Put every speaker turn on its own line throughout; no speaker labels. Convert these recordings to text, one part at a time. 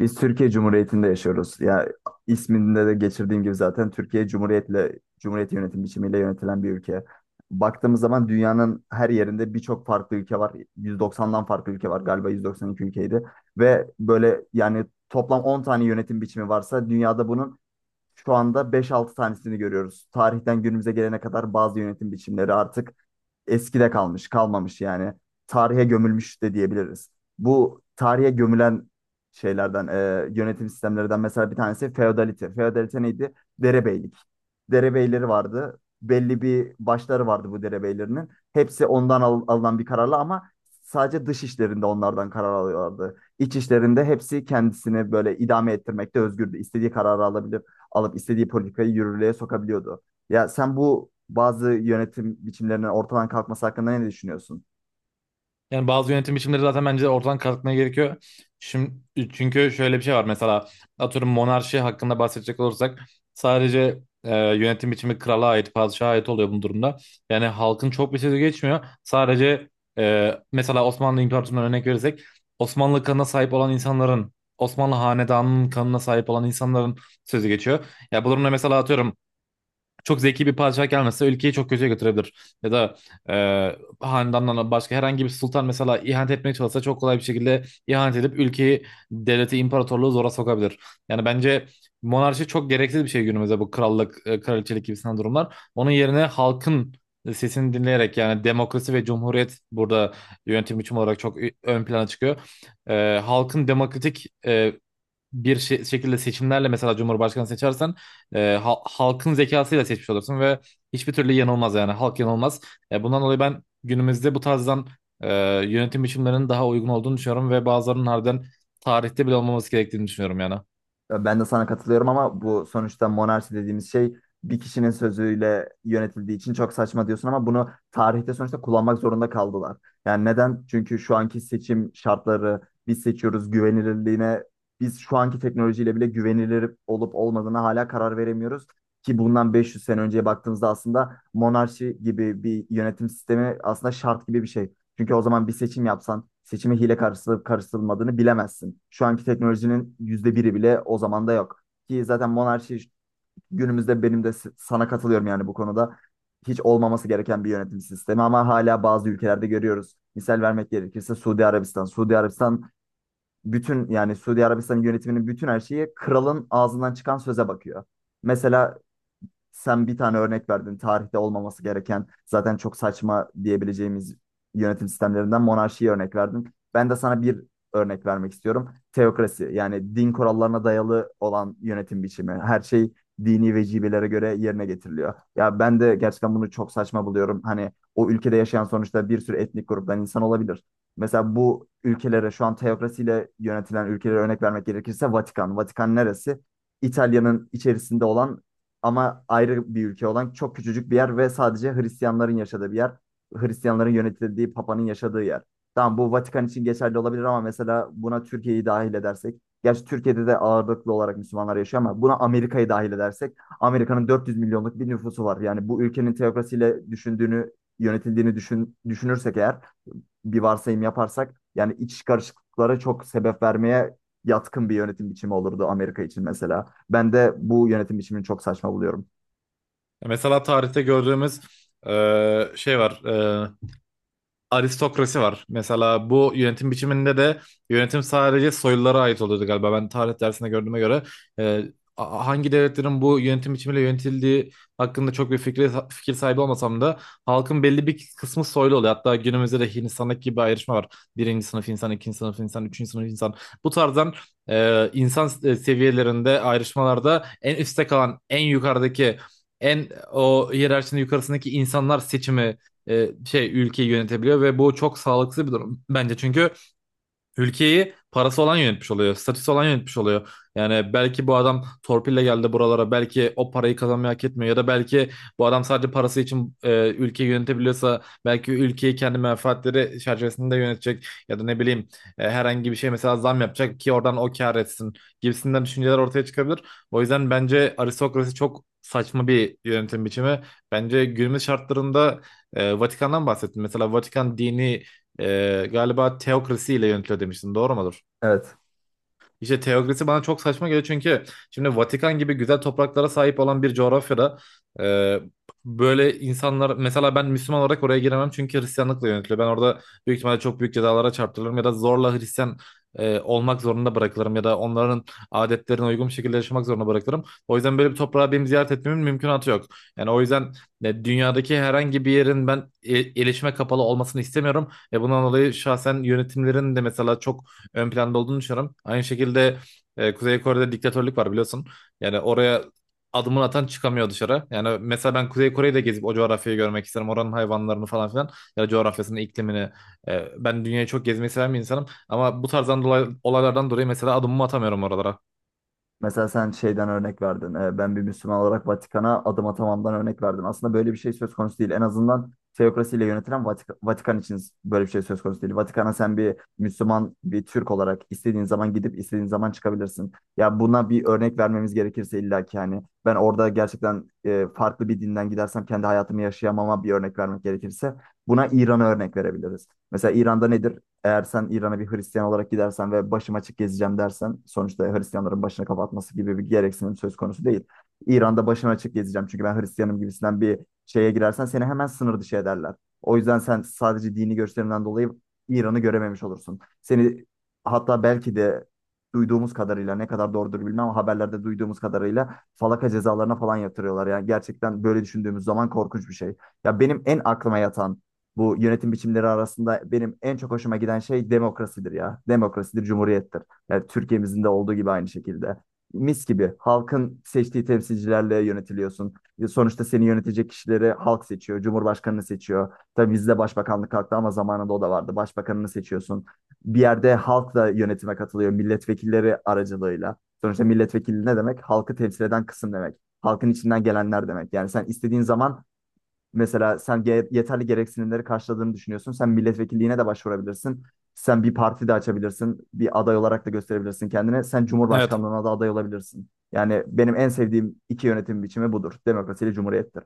Biz Türkiye Cumhuriyeti'nde yaşıyoruz. Ya isminde de geçirdiğim gibi zaten Türkiye Cumhuriyet'le Cumhuriyet yönetim biçimiyle yönetilen bir ülke. Baktığımız zaman dünyanın her yerinde birçok farklı ülke var. 190'dan farklı ülke var. Galiba 192 ülkeydi. Ve böyle yani toplam 10 tane yönetim biçimi varsa dünyada bunun şu anda 5-6 tanesini görüyoruz. Tarihten günümüze gelene kadar bazı yönetim biçimleri artık eskide kalmış, kalmamış yani. Tarihe gömülmüş de diyebiliriz. Bu tarihe gömülen şeylerden, yönetim sistemlerinden mesela bir tanesi feodalite. Feodalite neydi? Derebeylik. Derebeyleri vardı. Belli bir başları vardı bu derebeylerinin. Hepsi ondan alınan bir kararla ama sadece dış işlerinde onlardan karar alıyorlardı. İç işlerinde hepsi kendisini böyle idame ettirmekte özgürdü. İstediği kararı alabilirdi alıp istediği politikayı yürürlüğe sokabiliyordu. Ya sen bu bazı yönetim biçimlerinin ortadan kalkması hakkında ne düşünüyorsun?
Yani bazı yönetim biçimleri zaten bence ortadan kalkmaya gerekiyor. Şimdi, çünkü şöyle bir şey var mesela atıyorum monarşi hakkında bahsedecek olursak sadece yönetim biçimi krala ait, padişaha ait oluyor bu durumda. Yani halkın çok bir sözü geçmiyor. Sadece mesela Osmanlı İmparatorluğu'ndan örnek verirsek Osmanlı kanına sahip olan insanların, Osmanlı hanedanının kanına sahip olan insanların sözü geçiyor. Ya bu durumda mesela atıyorum çok zeki bir padişah gelmese ülkeyi çok kötüye götürebilir. Ya da e, hanedandan başka herhangi bir sultan mesela ihanet etmeye çalışsa çok kolay bir şekilde ihanet edip ülkeyi, devleti, imparatorluğu zora sokabilir. Yani bence monarşi çok gereksiz bir şey günümüzde bu krallık, kraliçelik gibisinden durumlar. Onun yerine halkın sesini dinleyerek yani demokrasi ve cumhuriyet burada yönetim biçimi olarak çok ön plana çıkıyor. Halkın demokratik şekilde seçimlerle mesela Cumhurbaşkanı seçersen halkın zekasıyla seçmiş olursun ve hiçbir türlü yanılmaz yani halk yanılmaz. Bundan dolayı ben günümüzde bu tarzdan e, yönetim biçimlerinin daha uygun olduğunu düşünüyorum ve bazılarının harbiden tarihte bile olmaması gerektiğini düşünüyorum yani.
Ya ben de sana katılıyorum ama bu sonuçta monarşi dediğimiz şey bir kişinin sözüyle yönetildiği için çok saçma diyorsun ama bunu tarihte sonuçta kullanmak zorunda kaldılar. Yani neden? Çünkü şu anki seçim şartları biz seçiyoruz güvenilirliğine, biz şu anki teknolojiyle bile güvenilir olup olmadığına hala karar veremiyoruz. Ki bundan 500 sene önceye baktığımızda aslında monarşi gibi bir yönetim sistemi aslında şart gibi bir şey. Çünkü o zaman bir seçim yapsan seçime hile karıştırılıp karıştırılmadığını bilemezsin. Şu anki teknolojinin yüzde biri bile o zaman da yok. Ki zaten monarşi günümüzde benim de sana katılıyorum yani bu konuda. Hiç olmaması gereken bir yönetim sistemi ama hala bazı ülkelerde görüyoruz. Misal vermek gerekirse Suudi Arabistan. Suudi Arabistan bütün yani Suudi Arabistan yönetiminin bütün her şeyi kralın ağzından çıkan söze bakıyor. Mesela sen bir tane örnek verdin. Tarihte olmaması gereken zaten çok saçma diyebileceğimiz yönetim sistemlerinden monarşiyi örnek verdin. Ben de sana bir örnek vermek istiyorum. Teokrasi yani din kurallarına dayalı olan yönetim biçimi. Her şey dini vecibelere göre yerine getiriliyor. Ya ben de gerçekten bunu çok saçma buluyorum. Hani o ülkede yaşayan sonuçta bir sürü etnik gruptan insan olabilir. Mesela bu ülkelere şu an teokrasiyle yönetilen ülkelere örnek vermek gerekirse Vatikan. Vatikan neresi? İtalya'nın içerisinde olan ama ayrı bir ülke olan çok küçücük bir yer ve sadece Hristiyanların yaşadığı bir yer. Hristiyanların yönetildiği, Papa'nın yaşadığı yer. Tamam, bu Vatikan için geçerli olabilir ama mesela buna Türkiye'yi dahil edersek. Gerçi Türkiye'de de ağırlıklı olarak Müslümanlar yaşıyor ama buna Amerika'yı dahil edersek, Amerika'nın 400 milyonluk bir nüfusu var. Yani bu ülkenin teokrasiyle düşündüğünü, düşünürsek eğer, bir varsayım yaparsak, yani iç karışıklıklara çok sebep vermeye yatkın bir yönetim biçimi olurdu Amerika için mesela. Ben de bu yönetim biçimini çok saçma buluyorum.
Mesela tarihte gördüğümüz şey var. e, Aristokrasi var. Mesela bu yönetim biçiminde de yönetim sadece soylulara ait oluyordu galiba. Ben tarih dersinde gördüğüme göre e, hangi devletlerin bu yönetim biçimiyle yönetildiği hakkında çok bir fikir sahibi olmasam da halkın belli bir kısmı soylu oluyor. Hatta günümüzde de Hindistan'daki gibi bir ayrışma var. Birinci sınıf insan, ikinci sınıf insan, üçüncü sınıf insan. Bu tarzdan insan seviyelerinde ayrışmalarda en üstte kalan, en yukarıdaki en o hiyerarşinin yukarısındaki insanlar seçimi şey ülkeyi yönetebiliyor ve bu çok sağlıksız bir durum bence çünkü ülkeyi parası olan yönetmiş oluyor. Statüsü olan yönetmiş oluyor. Yani belki bu adam torpille geldi buralara. Belki o parayı kazanmayı hak etmiyor. Ya da belki bu adam sadece parası için ülkeyi yönetebiliyorsa belki ülkeyi kendi menfaatleri çerçevesinde yönetecek. Ya da ne bileyim herhangi bir şey mesela zam yapacak ki oradan o kâr etsin gibisinden düşünceler ortaya çıkabilir. O yüzden bence aristokrasi çok saçma bir yönetim biçimi. Bence günümüz şartlarında Vatikan'dan bahsettim. Mesela Vatikan dini galiba teokrasi ile yönetiliyor demiştin. Doğru mudur?
Evet.
İşte teokrasi bana çok saçma geliyor çünkü şimdi Vatikan gibi güzel topraklara sahip olan bir coğrafyada e, böyle insanlar mesela ben Müslüman olarak oraya giremem çünkü Hristiyanlıkla yönetiliyor. Ben orada büyük ihtimalle çok büyük cezalara çarptırılırım ya da zorla Hristiyan olmak zorunda bırakılırım ya da onların adetlerine uygun bir şekilde yaşamak zorunda bırakılırım. O yüzden böyle bir toprağı benim ziyaret etmemin mümkünatı yok. Yani o yüzden dünyadaki herhangi bir yerin ben iletişime kapalı olmasını istemiyorum ve bundan dolayı şahsen yönetimlerin de mesela çok ön planda olduğunu düşünüyorum. Aynı şekilde Kuzey Kore'de diktatörlük var biliyorsun. Yani oraya adımını atan çıkamıyor dışarı. Yani mesela ben Kuzey Kore'yi de gezip o coğrafyayı görmek isterim. Oranın hayvanlarını falan filan ya da coğrafyasını, iklimini. Ben dünyayı çok gezmeyi seven bir insanım ama bu tarzdan dolayı, olaylardan dolayı mesela adımımı atamıyorum oralara.
Mesela sen şeyden örnek verdin. Ben bir Müslüman olarak Vatikan'a adım atamamdan örnek verdin. Aslında böyle bir şey söz konusu değil. En azından teokrasiyle yönetilen Vatikan için böyle bir şey söz konusu değil. Vatikan'a sen bir Müslüman, bir Türk olarak istediğin zaman gidip istediğin zaman çıkabilirsin. Ya buna bir örnek vermemiz gerekirse illa ki hani ben orada gerçekten farklı bir dinden gidersem kendi hayatımı yaşayamama bir örnek vermek gerekirse, buna İran'a örnek verebiliriz. Mesela İran'da nedir? Eğer sen İran'a bir Hristiyan olarak gidersen ve başım açık gezeceğim dersen, sonuçta Hristiyanların başını kapatması gibi bir gereksinim söz konusu değil. İran'da başım açık gezeceğim çünkü ben Hristiyanım gibisinden bir şeye girersen seni hemen sınır dışı ederler. O yüzden sen sadece dini görüşlerinden dolayı İran'ı görememiş olursun. Seni, hatta belki de duyduğumuz kadarıyla ne kadar doğrudur bilmem ama haberlerde duyduğumuz kadarıyla falaka cezalarına falan yatırıyorlar. Yani gerçekten böyle düşündüğümüz zaman korkunç bir şey. Ya benim en aklıma yatan, bu yönetim biçimleri arasında benim en çok hoşuma giden şey demokrasidir ya. Demokrasidir, cumhuriyettir. Yani Türkiye'mizin de olduğu gibi aynı şekilde. Mis gibi halkın seçtiği temsilcilerle yönetiliyorsun. Sonuçta seni yönetecek kişileri halk seçiyor, cumhurbaşkanını seçiyor. Tabii bizde başbakanlık kalktı ama zamanında o da vardı. Başbakanını seçiyorsun. Bir yerde halk da yönetime katılıyor milletvekilleri aracılığıyla. Sonuçta milletvekili ne demek? Halkı temsil eden kısım demek. Halkın içinden gelenler demek. Yani sen istediğin zaman, mesela sen yeterli gereksinimleri karşıladığını düşünüyorsun. Sen milletvekilliğine de başvurabilirsin. Sen bir parti de açabilirsin. Bir aday olarak da gösterebilirsin kendine. Sen
Evet.
Cumhurbaşkanlığına da aday olabilirsin. Yani benim en sevdiğim iki yönetim biçimi budur. Demokrasiyle cumhuriyettir.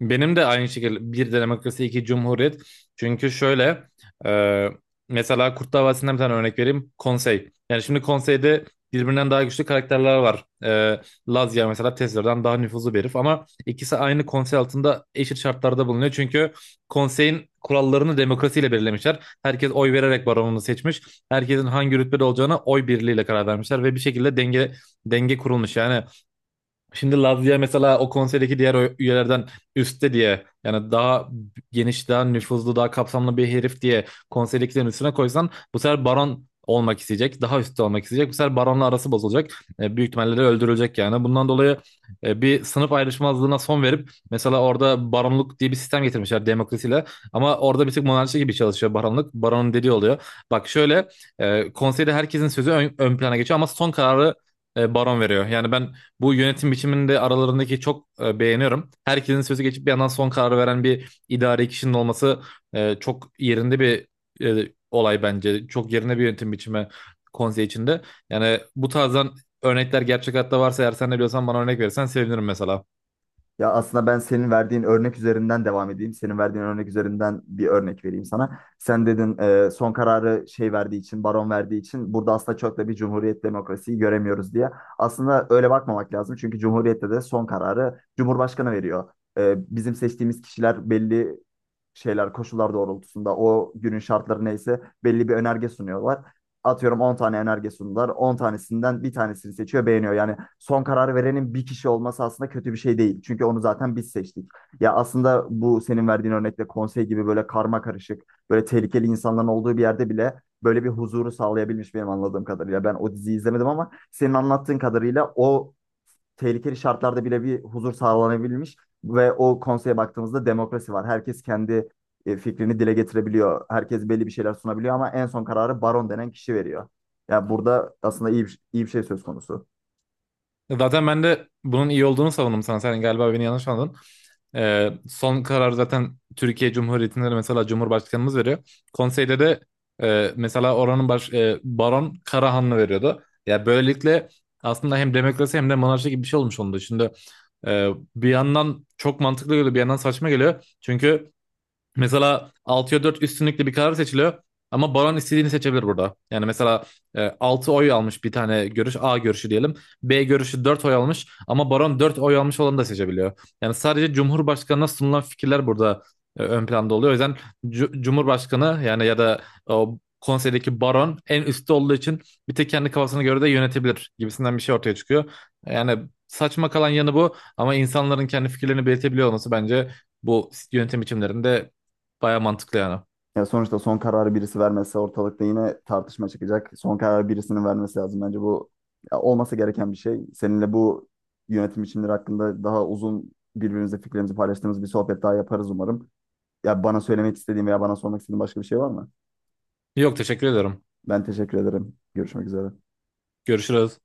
Benim de aynı şekilde bir demokrasi iki cumhuriyet. Çünkü şöyle e, mesela Kurtlar Davası'ndan bir tane örnek vereyim. Konsey. Yani şimdi konseyde birbirinden daha güçlü karakterler var. Lazya mesela Tezler'den daha nüfuzlu bir herif ama ikisi aynı konsey altında eşit şartlarda bulunuyor. Çünkü konseyin kurallarını demokrasiyle belirlemişler. Herkes oy vererek baronunu seçmiş. Herkesin hangi rütbede olacağına oy birliğiyle karar vermişler ve bir şekilde denge kurulmuş. Yani şimdi Lazia mesela o konseydeki diğer üyelerden üstte diye yani daha geniş, daha nüfuzlu, daha kapsamlı bir herif diye konserdekilerin üstüne koysan bu sefer baron olmak isteyecek. Daha üstte olmak isteyecek. Bu sefer baronla arası bozulacak. Büyük ihtimalle de öldürülecek yani. Bundan dolayı bir sınıf ayrışmazlığına son verip mesela orada baronluk diye bir sistem getirmişler demokrasiyle. Ama orada bir tık monarşi gibi çalışıyor baronluk. Baronun dediği oluyor. Bak şöyle konseyde herkesin sözü ön plana geçiyor ama son kararı baron veriyor. Yani ben bu yönetim biçiminde aralarındaki çok beğeniyorum. Herkesin sözü geçip bir yandan son kararı veren bir idari kişinin olması çok yerinde bir olay bence. Çok yerinde bir yönetim biçimi konsey içinde. Yani bu tarzdan örnekler gerçek hayatta varsa eğer sen de biliyorsan bana örnek verirsen sevinirim mesela.
Ya aslında ben senin verdiğin örnek üzerinden devam edeyim. Senin verdiğin örnek üzerinden bir örnek vereyim sana. Sen dedin son kararı şey verdiği için, baron verdiği için, burada aslında çok da bir cumhuriyet demokrasiyi göremiyoruz diye. Aslında öyle bakmamak lazım. Çünkü cumhuriyette de son kararı Cumhurbaşkanı veriyor. Bizim seçtiğimiz kişiler belli şeyler, koşullar doğrultusunda o günün şartları neyse belli bir önerge sunuyorlar, atıyorum 10 tane önerge sundular. 10 tanesinden bir tanesini seçiyor, beğeniyor. Yani son karar verenin bir kişi olması aslında kötü bir şey değil. Çünkü onu zaten biz seçtik. Ya aslında bu senin verdiğin örnekte konsey gibi böyle karma karışık, böyle tehlikeli insanların olduğu bir yerde bile böyle bir huzuru sağlayabilmiş benim anladığım kadarıyla. Ben o diziyi izlemedim ama senin anlattığın kadarıyla o tehlikeli şartlarda bile bir huzur sağlanabilmiş ve o konseye baktığımızda demokrasi var. Herkes kendi fikrini dile getirebiliyor. Herkes belli bir şeyler sunabiliyor ama en son kararı baron denen kişi veriyor. Yani burada aslında iyi bir şey söz konusu.
Zaten ben de bunun iyi olduğunu savundum sana. Sen galiba beni yanlış anladın. Son karar zaten Türkiye Cumhuriyeti'nde de mesela Cumhurbaşkanımız veriyor. Konseyde de mesela oranın Baron Karahanlı veriyordu. Ya böylelikle aslında hem demokrasi hem de monarşi gibi bir şey olmuş oldu. Şimdi e, bir yandan çok mantıklı geliyor, bir yandan saçma geliyor. Çünkü mesela 6'ya 4 üstünlükle bir karar seçiliyor. Ama baron istediğini seçebilir burada. Yani mesela 6 oy almış bir tane görüş. A görüşü diyelim. B görüşü 4 oy almış. Ama baron 4 oy almış olanı da seçebiliyor. Yani sadece Cumhurbaşkanı'na sunulan fikirler burada ön planda oluyor. O yüzden Cumhurbaşkanı yani ya da o konseydeki baron en üstte olduğu için bir tek kendi kafasına göre de yönetebilir gibisinden bir şey ortaya çıkıyor. Yani saçma kalan yanı bu. Ama insanların kendi fikirlerini belirtebiliyor olması bence bu yönetim biçimlerinde baya mantıklı yani.
Yani sonuçta son kararı birisi vermezse ortalıkta yine tartışma çıkacak. Son kararı birisinin vermesi lazım. Bence bu ya, olması gereken bir şey. Seninle bu yönetim biçimleri hakkında daha uzun, birbirimizle fikrimizi paylaştığımız bir sohbet daha yaparız umarım. Ya bana söylemek istediğin veya bana sormak istediğin başka bir şey var mı?
Yok teşekkür ederim.
Ben teşekkür ederim. Görüşmek üzere.
Görüşürüz.